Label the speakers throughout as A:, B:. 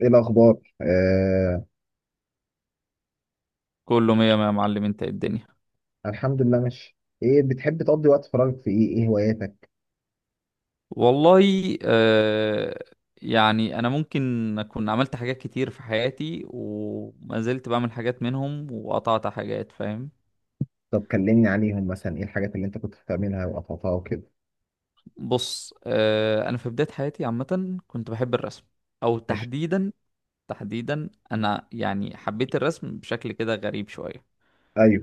A: ايه الاخبار؟
B: كله مية مية يا معلم، انت ايه الدنيا؟
A: الحمد لله، ماشي. ايه بتحب تقضي وقت فراغك في ايه؟ ايه هواياتك؟
B: والله، آه يعني انا ممكن اكون عملت حاجات كتير في حياتي، وما زلت بعمل حاجات منهم وقطعت حاجات، فاهم.
A: طب كلمني عليهم، مثلا ايه الحاجات اللي انت كنت بتعملها وقطعتها وكده؟
B: بص، آه، انا في بداية حياتي عامة كنت بحب الرسم، او
A: ماشي.
B: تحديدا. انا يعني حبيت الرسم بشكل كده غريب شوية.
A: ايوه.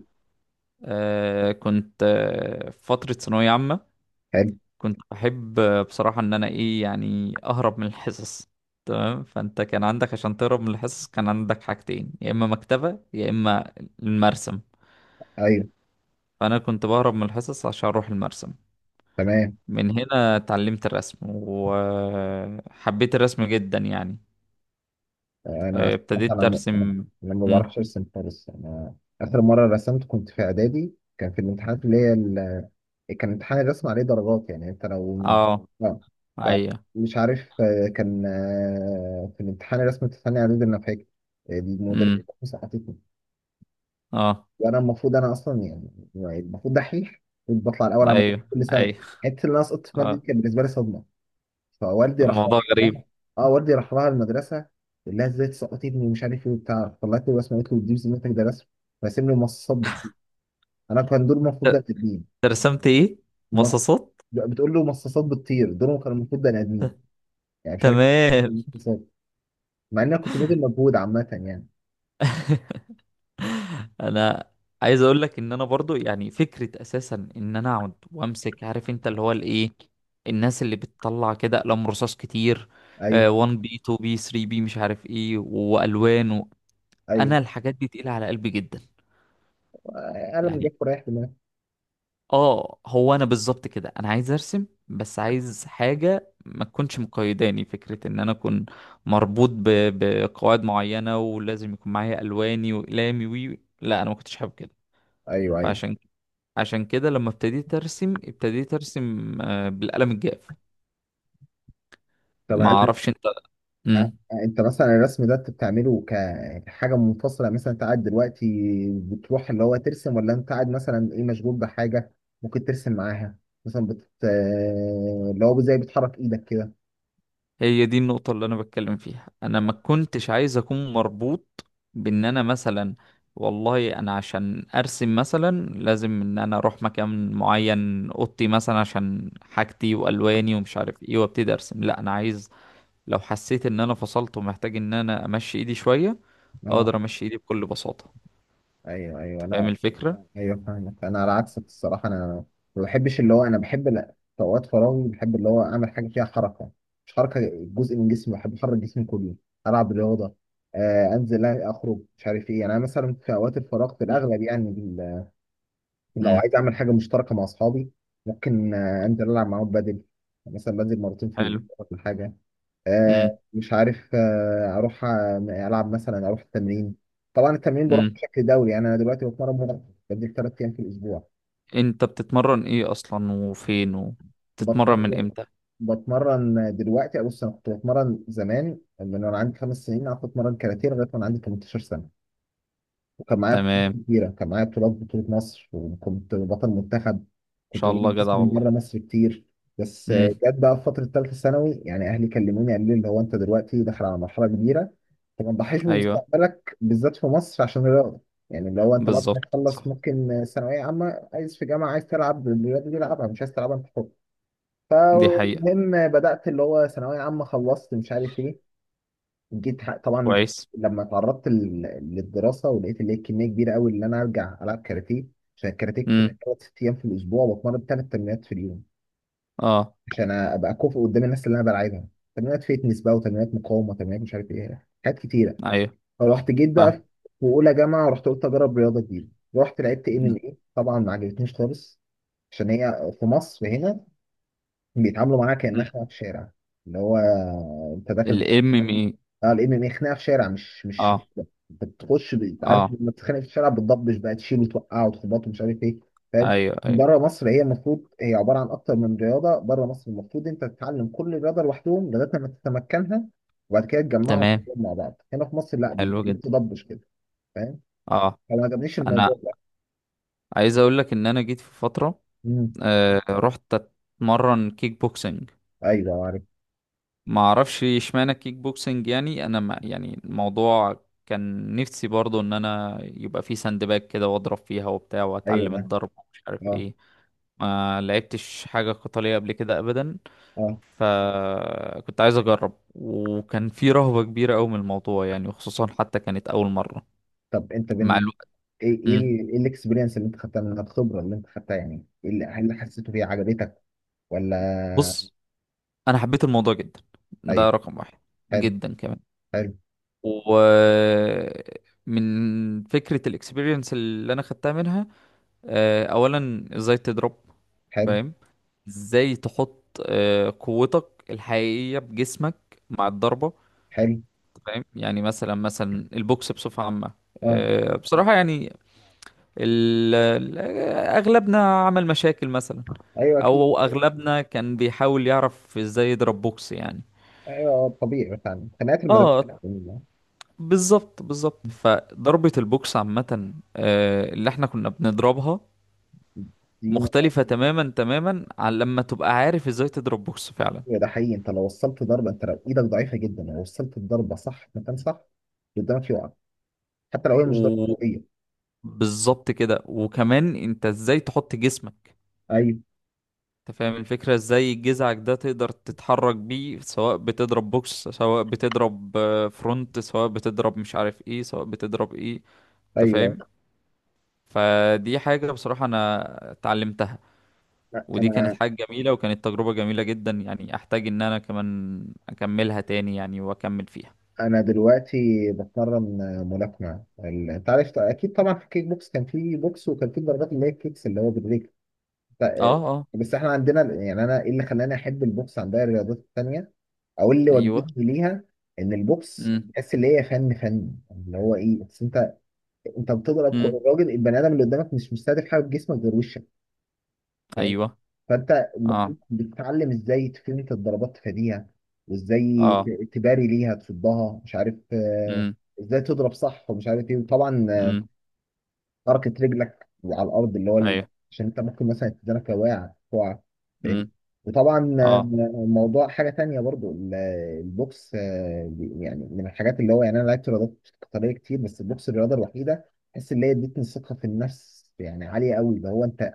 B: كنت في فترة ثانوية عامة
A: حلو.
B: كنت بحب، بصراحة، ان انا ايه، يعني اهرب من الحصص. تمام، فانت كان عندك عشان تهرب من الحصص كان عندك حاجتين، يا اما مكتبة يا اما المرسم.
A: ايوه.
B: فانا كنت بهرب من الحصص عشان اروح المرسم.
A: تمام.
B: من هنا اتعلمت الرسم وحبيت الرسم جدا يعني.
A: انا الصراحه
B: ابتديت
A: انا م- انا
B: ارسم.
A: انا ما
B: مم.
A: بعرفش ارسم خالص. انا اخر مره رسمت كنت في اعدادي، كان في الامتحانات اللي هي كان امتحان الرسم عليه درجات، يعني انت لو...
B: اه.
A: اه. ف-
B: ايوه.
A: مش عارف، كان في الامتحان الرسم الثاني اعدادي، انا فاكر المدرسة
B: مم.
A: حطيتني.
B: اه.
A: وانا المفروض، انا اصلا يعني المفروض دحيح، كنت بطلع الاول على مدرسه
B: ايوه،
A: كل سنه.
B: ايوه.
A: حته اللي انا سقطت في ماده دي
B: اه،
A: كانت بالنسبه لي صدمه. فوالدي راح.
B: الموضوع غريب.
A: اه. والدي راح لها المدرسه، قال لها ازاي تسقطي ابني ومش عارف ايه وبتاع. طلعت له رسمه قالت له دي بذمتك ده رسم؟ راسم لي مصاصات بتطير. انا كان دول المفروض بني
B: ت-
A: ادمين.
B: ترسمت ايه؟
A: مص-
B: مصاصات.
A: بتقول له مصاصات بتطير؟ دول كانوا المفروض بني ادمين، يعني مش عارف إيه
B: تمام.
A: المصاصات. مع ان انا كنت باذل مجهود عامه يعني.
B: انا عايز اقول لك ان انا برضو يعني فكره اساسا ان انا اقعد وامسك، عارف انت اللي هو الايه، الناس اللي بتطلع كده اقلام رصاص كتير،
A: ايوه،
B: 1B بي 2B بي 3B بي مش عارف ايه والوان و...
A: ايوه.
B: انا الحاجات دي تقيله على قلبي جدا
A: قلم
B: يعني.
A: جاف ورايح دماغي.
B: اه، هو انا بالظبط كده، انا عايز ارسم بس عايز حاجه ما تكونش مقيداني، فكره ان انا اكون مربوط ب... بقواعد معينه ولازم يكون معايا الواني واقلامي وي، لا انا ما كنتش حابب كده.
A: ايوه، ايوه.
B: فعشان عشان كده لما ابتديت ارسم ابتديت ارسم، بالقلم الجاف.
A: طب
B: ما
A: هل...
B: اعرفش انت.
A: أ-
B: امم
A: انت مثلا الرسم ده انت بتعمله كحاجه منفصله؟ مثلا انت قاعد دلوقتي بتروح اللي هو ترسم، ولا انت قاعد مثلا ايه مشغول بحاجه ممكن ترسم معاها؟ مثلا بت آه، اللي هو زي بتحرك ايدك كده؟
B: هي دي النقطة اللي انا بتكلم فيها، انا ما كنتش عايز اكون مربوط بان انا مثلا، والله انا عشان ارسم مثلا لازم ان انا اروح مكان معين، اوضتي مثلا عشان حاجتي والواني ومش عارف ايه وابتدي ارسم، لا انا عايز لو حسيت ان انا فصلت ومحتاج ان انا امشي ايدي شوية
A: اه.
B: اقدر امشي ايدي بكل بساطة.
A: ايوه، ايوه.
B: أنت فاهم
A: لا.
B: الفكرة.
A: ايوه، فاهمك. انا على عكسك الصراحه، انا ما بحبش اللي هو انا بحب، لا، في اوقات فراغي بحب اللي هو اعمل حاجه فيها حركه. مش حركه جزء من جسمي، بحب احرك جسمي كله. العب رياضه، انزل اخرج مش عارف ايه. يعني انا مثلا في اوقات الفراغ في الاغلب، يعني لو
B: امم.
A: عايز اعمل حاجه مشتركه مع اصحابي ممكن انزل العب معاهم. بدل مثلا بنزل مرتين في
B: حلو.
A: الاسبوع ولا حاجه، مش عارف، اروح العب، مثلا اروح التمرين. طبعا التمرين بروح
B: امم.
A: بشكل دوري، يعني انا دلوقتي بتمرن مرة، بنزل 3 ايام في الاسبوع.
B: انت بتتمرن ايه اصلا، وفين، وبتتمرن من
A: بتمرن
B: امتى؟
A: بتمرن دلوقتي. بص، انا كنت بتمرن زمان من وانا عندي 5 سنين، قعدت اتمرن كاراتيه لغايه وانا عندي 18 سنه. وكان معايا
B: تمام،
A: بطولات
B: ان
A: كتيرة، كان معايا بطولات بطولة مصر، وكنت بطل منتخب. كنت
B: شاء الله،
A: بجيب ناس
B: جدع
A: من
B: والله.
A: بره مصر كتير. بس
B: امم.
A: جت بقى في فترة تالتة ثانوي، يعني أهلي كلموني قالوا لي اللي هو أنت دلوقتي داخل على مرحلة كبيرة، أنت ما تضحيش
B: ايوه،
A: بمستقبلك بالذات في مصر عشان الرياضة. يعني اللي هو أنت بعد ما
B: بالظبط،
A: تخلص
B: صح.
A: ممكن، ثانوية عامة عايز في جامعة، عايز تلعب الرياضة دي العبها، مش عايز تلعبها أنت حر.
B: دي حقيقة.
A: فالمهم بدأت اللي هو ثانوية عامة، خلصت مش عارف إيه. جيت طبعا
B: كويس.
A: لما اتعرضت للدراسه، ولقيت اللي هي كميه كبيره قوي ان انا ارجع العب كاراتيه. عشان الكاراتيه كنت
B: امم.
A: بتمرن 6 ايام في الاسبوع، وبتمرن 3 تمرينات في اليوم،
B: اه.
A: عشان ابقى كوفي قدام الناس اللي انا بلعبها. تمرينات فيتنس بقى، وتمرينات مقاومه، تمرينات مش عارف ايه، حاجات كتيره.
B: ايوه،
A: فرحت جيت بقى
B: فاهم.
A: في اولى جامعه، رحت قلت اجرب رياضه جديده. رحت لعبت ام ام ايه، طبعا ما عجبتنيش خالص، عشان هي في مصر هنا بيتعاملوا معاها كانها خناقه في الشارع. اللي هو انت داخل.
B: الام ام اي؟
A: اه. الام ام اي خناقه في شارع، مش
B: اه.
A: بتخش انت عارف
B: اه.
A: لما بتتخانق في الشارع بتضبش بقى، تشيل وتوقع وتخبط ومش عارف ايه. فاهم.
B: ايوه، ايوه.
A: بره مصر هي المفروض هي عباره عن اكتر من رياضه، بره مصر المفروض انت تتعلم كل رياضه لوحدهم لغايه لما تتمكنها، وبعد كده تجمعهم
B: تمام.
A: مع بعض. هنا في مصر لا،
B: حلو
A: بيخليك
B: جدا.
A: تضبش كده. فاهم.
B: اه.
A: فما عجبنيش
B: انا
A: الموضوع ده.
B: عايز اقول لك ان انا جيت في فترة،
A: امم.
B: رحت اتمرن كيك بوكسنج.
A: ايوه. عارف.
B: ما اعرفش اشمعنى كيك بوكسنج، يعني انا ما يعني الموضوع كان نفسي برضو ان انا يبقى في ساند باج كده واضرب فيها وبتاع واتعلم
A: ايوه.
B: الضرب ومش عارف
A: اه.
B: ايه. ما لعبتش حاجة قتالية قبل كده ابدا،
A: اه.
B: فكنت عايز اجرب، وكان في رهبة كبيرة قوي من الموضوع يعني، وخصوصا حتى كانت اول مرة.
A: طب انت
B: مع
A: بين...
B: الوقت.
A: ايه ايه
B: مم.
A: ال- ايه الاكسبيرينس اللي انت خدتها منها، الخبره اللي انت خدتها، يعني ايه اللي هل حسيته هي عجبتك ولا؟
B: بص، انا حبيت الموضوع جدا، ده
A: ايوه.
B: رقم واحد.
A: حلو،
B: جدا كمان.
A: حلو،
B: و من فكرة الاكسبيرينس اللي انا خدتها منها، اولا ازاي تضرب.
A: حلو،
B: فاهم. ازاي تحط قوتك الحقيقية بجسمك مع الضربة.
A: حلو.
B: فاهم يعني. مثلا البوكس بصفة عامة،
A: اه.
B: بصراحة يعني، ال- ال- اغلبنا عمل مشاكل مثلا،
A: ايوه. اكيد.
B: او اغلبنا كان بيحاول يعرف ازاي يضرب بوكس يعني.
A: ايوه. طبيعي مثلا خناقات المدرسه
B: اه، بالظبط بالظبط. فضربة البوكس عامة، اللي احنا كنا بنضربها
A: دي.
B: مختلفة تماما عن لما تبقى عارف ازاي تضرب بوكس فعلا.
A: ده حقيقي. انت لو وصلت ضربه، انت لو ايدك ضعيفه جدا لو وصلت الضربه صح في مكان صح، اللي قدامك يقع. حتى لو هي مش ضربه قويه.
B: وبالظبط كده. وكمان انت ازاي تحط جسمك،
A: ايوه،
B: انت فاهم الفكرة، ازاي جذعك ده تقدر تتحرك بيه، سواء بتضرب بوكس، سواء بتضرب فرونت، سواء بتضرب مش عارف ايه، سواء بتضرب ايه، انت
A: ايوه.
B: فاهم. فدي حاجة بصراحة انا اتعلمتها، ودي كانت
A: انا
B: حاجة جميلة، وكانت تجربة جميلة جدا يعني. احتاج ان انا كمان اكملها تاني يعني واكمل فيها.
A: انا دلوقتي بتمرن ملاكمه. انت عارف اكيد طبعا في الكيك بوكس كان في بوكس وكان في ضربات، اللي هي الكيكس اللي هو بالرجل. ف-
B: اه. اه.
A: بس احنا عندنا، يعني انا ايه اللي خلاني احب البوكس عن باقي الرياضات التانيه، او اللي
B: ايوه.
A: وجهني ليها؟ ان البوكس
B: امم.
A: تحس اللي هي فن، فن اللي هو ايه بس؟ انت بتضرب الراجل البني ادم اللي قدامك مش مستهدف حاجه في جسمك غير وشك. فاهم.
B: ايوه.
A: فانت
B: اه.
A: المفروض بتتعلم ازاي تفنت الضربات، تفاديها، وازاي
B: اه.
A: تباري ليها، تصدها، مش عارف
B: امم.
A: ازاي تضرب صح ومش عارف ايه. وطبعا
B: امم.
A: حركة رجلك على الأرض، اللي هو
B: ايوه.
A: عشان أنت ممكن مثلا تدرك واقع تقع. فاهم.
B: امم.
A: وطبعا
B: اه.
A: موضوع حاجة تانية برضو، البوكس يعني من الحاجات اللي هو، يعني أنا لعبت رياضات قتالية كتير، بس البوكس الرياضة الوحيدة بحس اللي هي ادتني ثقة في النفس يعني عالية قوي. اللي هو أنت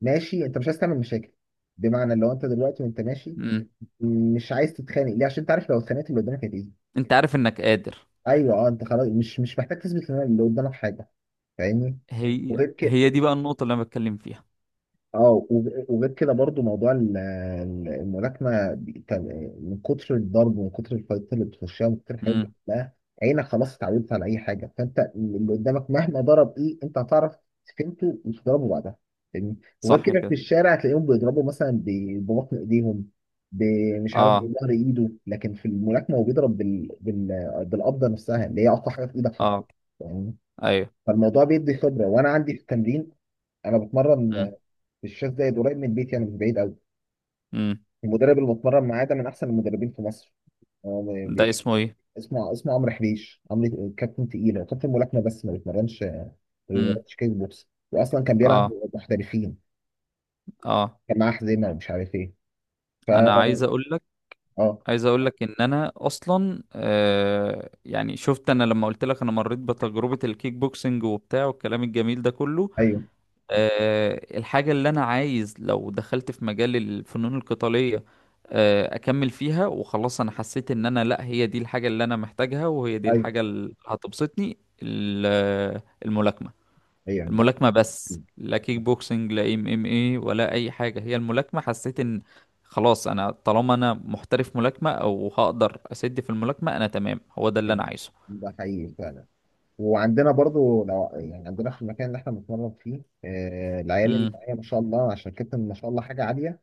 A: ماشي، أنت مش عايز تعمل مشاكل، بمعنى لو أنت دلوقتي وأنت ماشي
B: امم.
A: مش عايز تتخانق ليه؟ عشان أنت عارف لو اتخانقت اللي قدامك هتأذي.
B: انت عارف انك قادر.
A: أيوه، أه. أنت خلاص مش محتاج تثبت اللي قدامك حاجة. فاهمني؟ وغير
B: هي
A: كده.
B: دي بقى النقطة اللي انا بتكلم فيها.
A: اه. وغير كده برضو موضوع الملاكمه، من كتر الضرب، ومن كتر الفايتات اللي بتخشها، ومن كتر الحاجات دي
B: امم.
A: كلها، عينك خلاص اتعودت على اي حاجه. فانت اللي قدامك مهما ضرب ايه انت هتعرف فهمته وتضربه بعدها. فاهمني؟ وغير
B: صح
A: كده في
B: كده.
A: الشارع هتلاقيهم بيضربوا مثلا ببطن ايديهم، ب- مش عارف
B: اه.
A: بظهر ايده، لكن في الملاكمه هو بيضرب بالقبضه نفسها اللي هي اقوى حاجه في ايدك حرفيا.
B: اه.
A: فاهمني؟
B: ايوه.
A: فالموضوع بيدي خبره. وانا عندي في التمرين، انا
B: امم.
A: بتمرن الشاذ زايد قريب من البيت، يعني مش بعيد قوي.
B: امم.
A: المدرب اللي بتمرن معاه ده من احسن المدربين في مصر. هو
B: ده اسمه ايه؟
A: اسمه عمرو حبيش. عمرو كابتن تقيل، هو كابتن ملاكمه بس ما بيتمرنش ما
B: امم.
A: بيتمرنش كيك بوكس، واصلا كان بيلعب
B: اه.
A: محترفين،
B: اه.
A: كان معاه حزينه ومش عارف ايه.
B: انا
A: فا
B: عايز اقول لك،
A: اه.
B: عايز اقول لك ان انا اصلا، آه، يعني شفت انا لما قلت لك انا مريت بتجربة الكيك بوكسنج وبتاع والكلام الجميل ده كله،
A: ايوه،
B: الحاجة اللي أنا عايز لو دخلت في مجال الفنون القتالية، أكمل فيها وخلاص. أنا حسيت إن أنا لأ، هي دي الحاجة اللي أنا محتاجها وهي دي
A: ايوه،
B: الحاجة اللي هتبسطني، الملاكمة.
A: ايوه. ده
B: الملاكمة بس،
A: حقيقي.
B: لا كيك بوكسنج لا ام ام اي ولا أي حاجة، هي الملاكمة، حسيت إن خلاص أنا طالما أنا محترف ملاكمة أو هقدر أسد في الملاكمة أنا تمام، هو ده اللي أنا
A: ايوه،
B: عايزه.
A: ده حقيقي فعلا. وعندنا برضو، لو يعني عندنا في المكان اللي احنا بنتمرن فيه، العيال اللي
B: امم.
A: معايا ما شاء الله، عشان كابتن ما شاء الله حاجه عاليه.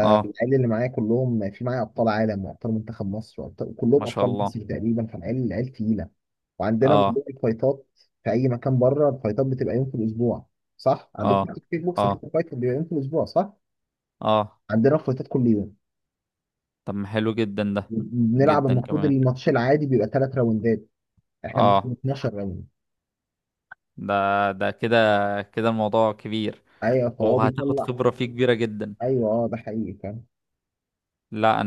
B: اه،
A: اللي معايا كلهم، في معايا ابطال عالم وابطال منتخب مصر وابطال كلهم
B: ما شاء
A: ابطال
B: الله.
A: مصر تقريبا. فالعيال تقيله. وعندنا
B: اه.
A: موضوع الفايتات، في اي مكان بره الفايتات بتبقى يوم في الاسبوع، صح؟ عندكم
B: اه.
A: في الكيك بوكس
B: اه.
A: اكيد الفايت بيبقى يوم في الاسبوع، صح؟
B: اه.
A: عندنا الفايتات كل يوم.
B: طب ما حلو جدا ده.
A: بنلعب،
B: جدا
A: المفروض
B: كمان.
A: الماتش العادي بيبقى 3 راوندات، احنا بنلعب
B: اه،
A: 12 راوند.
B: ده، ده كده الموضوع كبير،
A: ايوه، فهو
B: وهتاخد
A: بيطلع.
B: خبرة فيه كبيرة جدا.
A: ايوه، اه، ده حقيقي.
B: لا.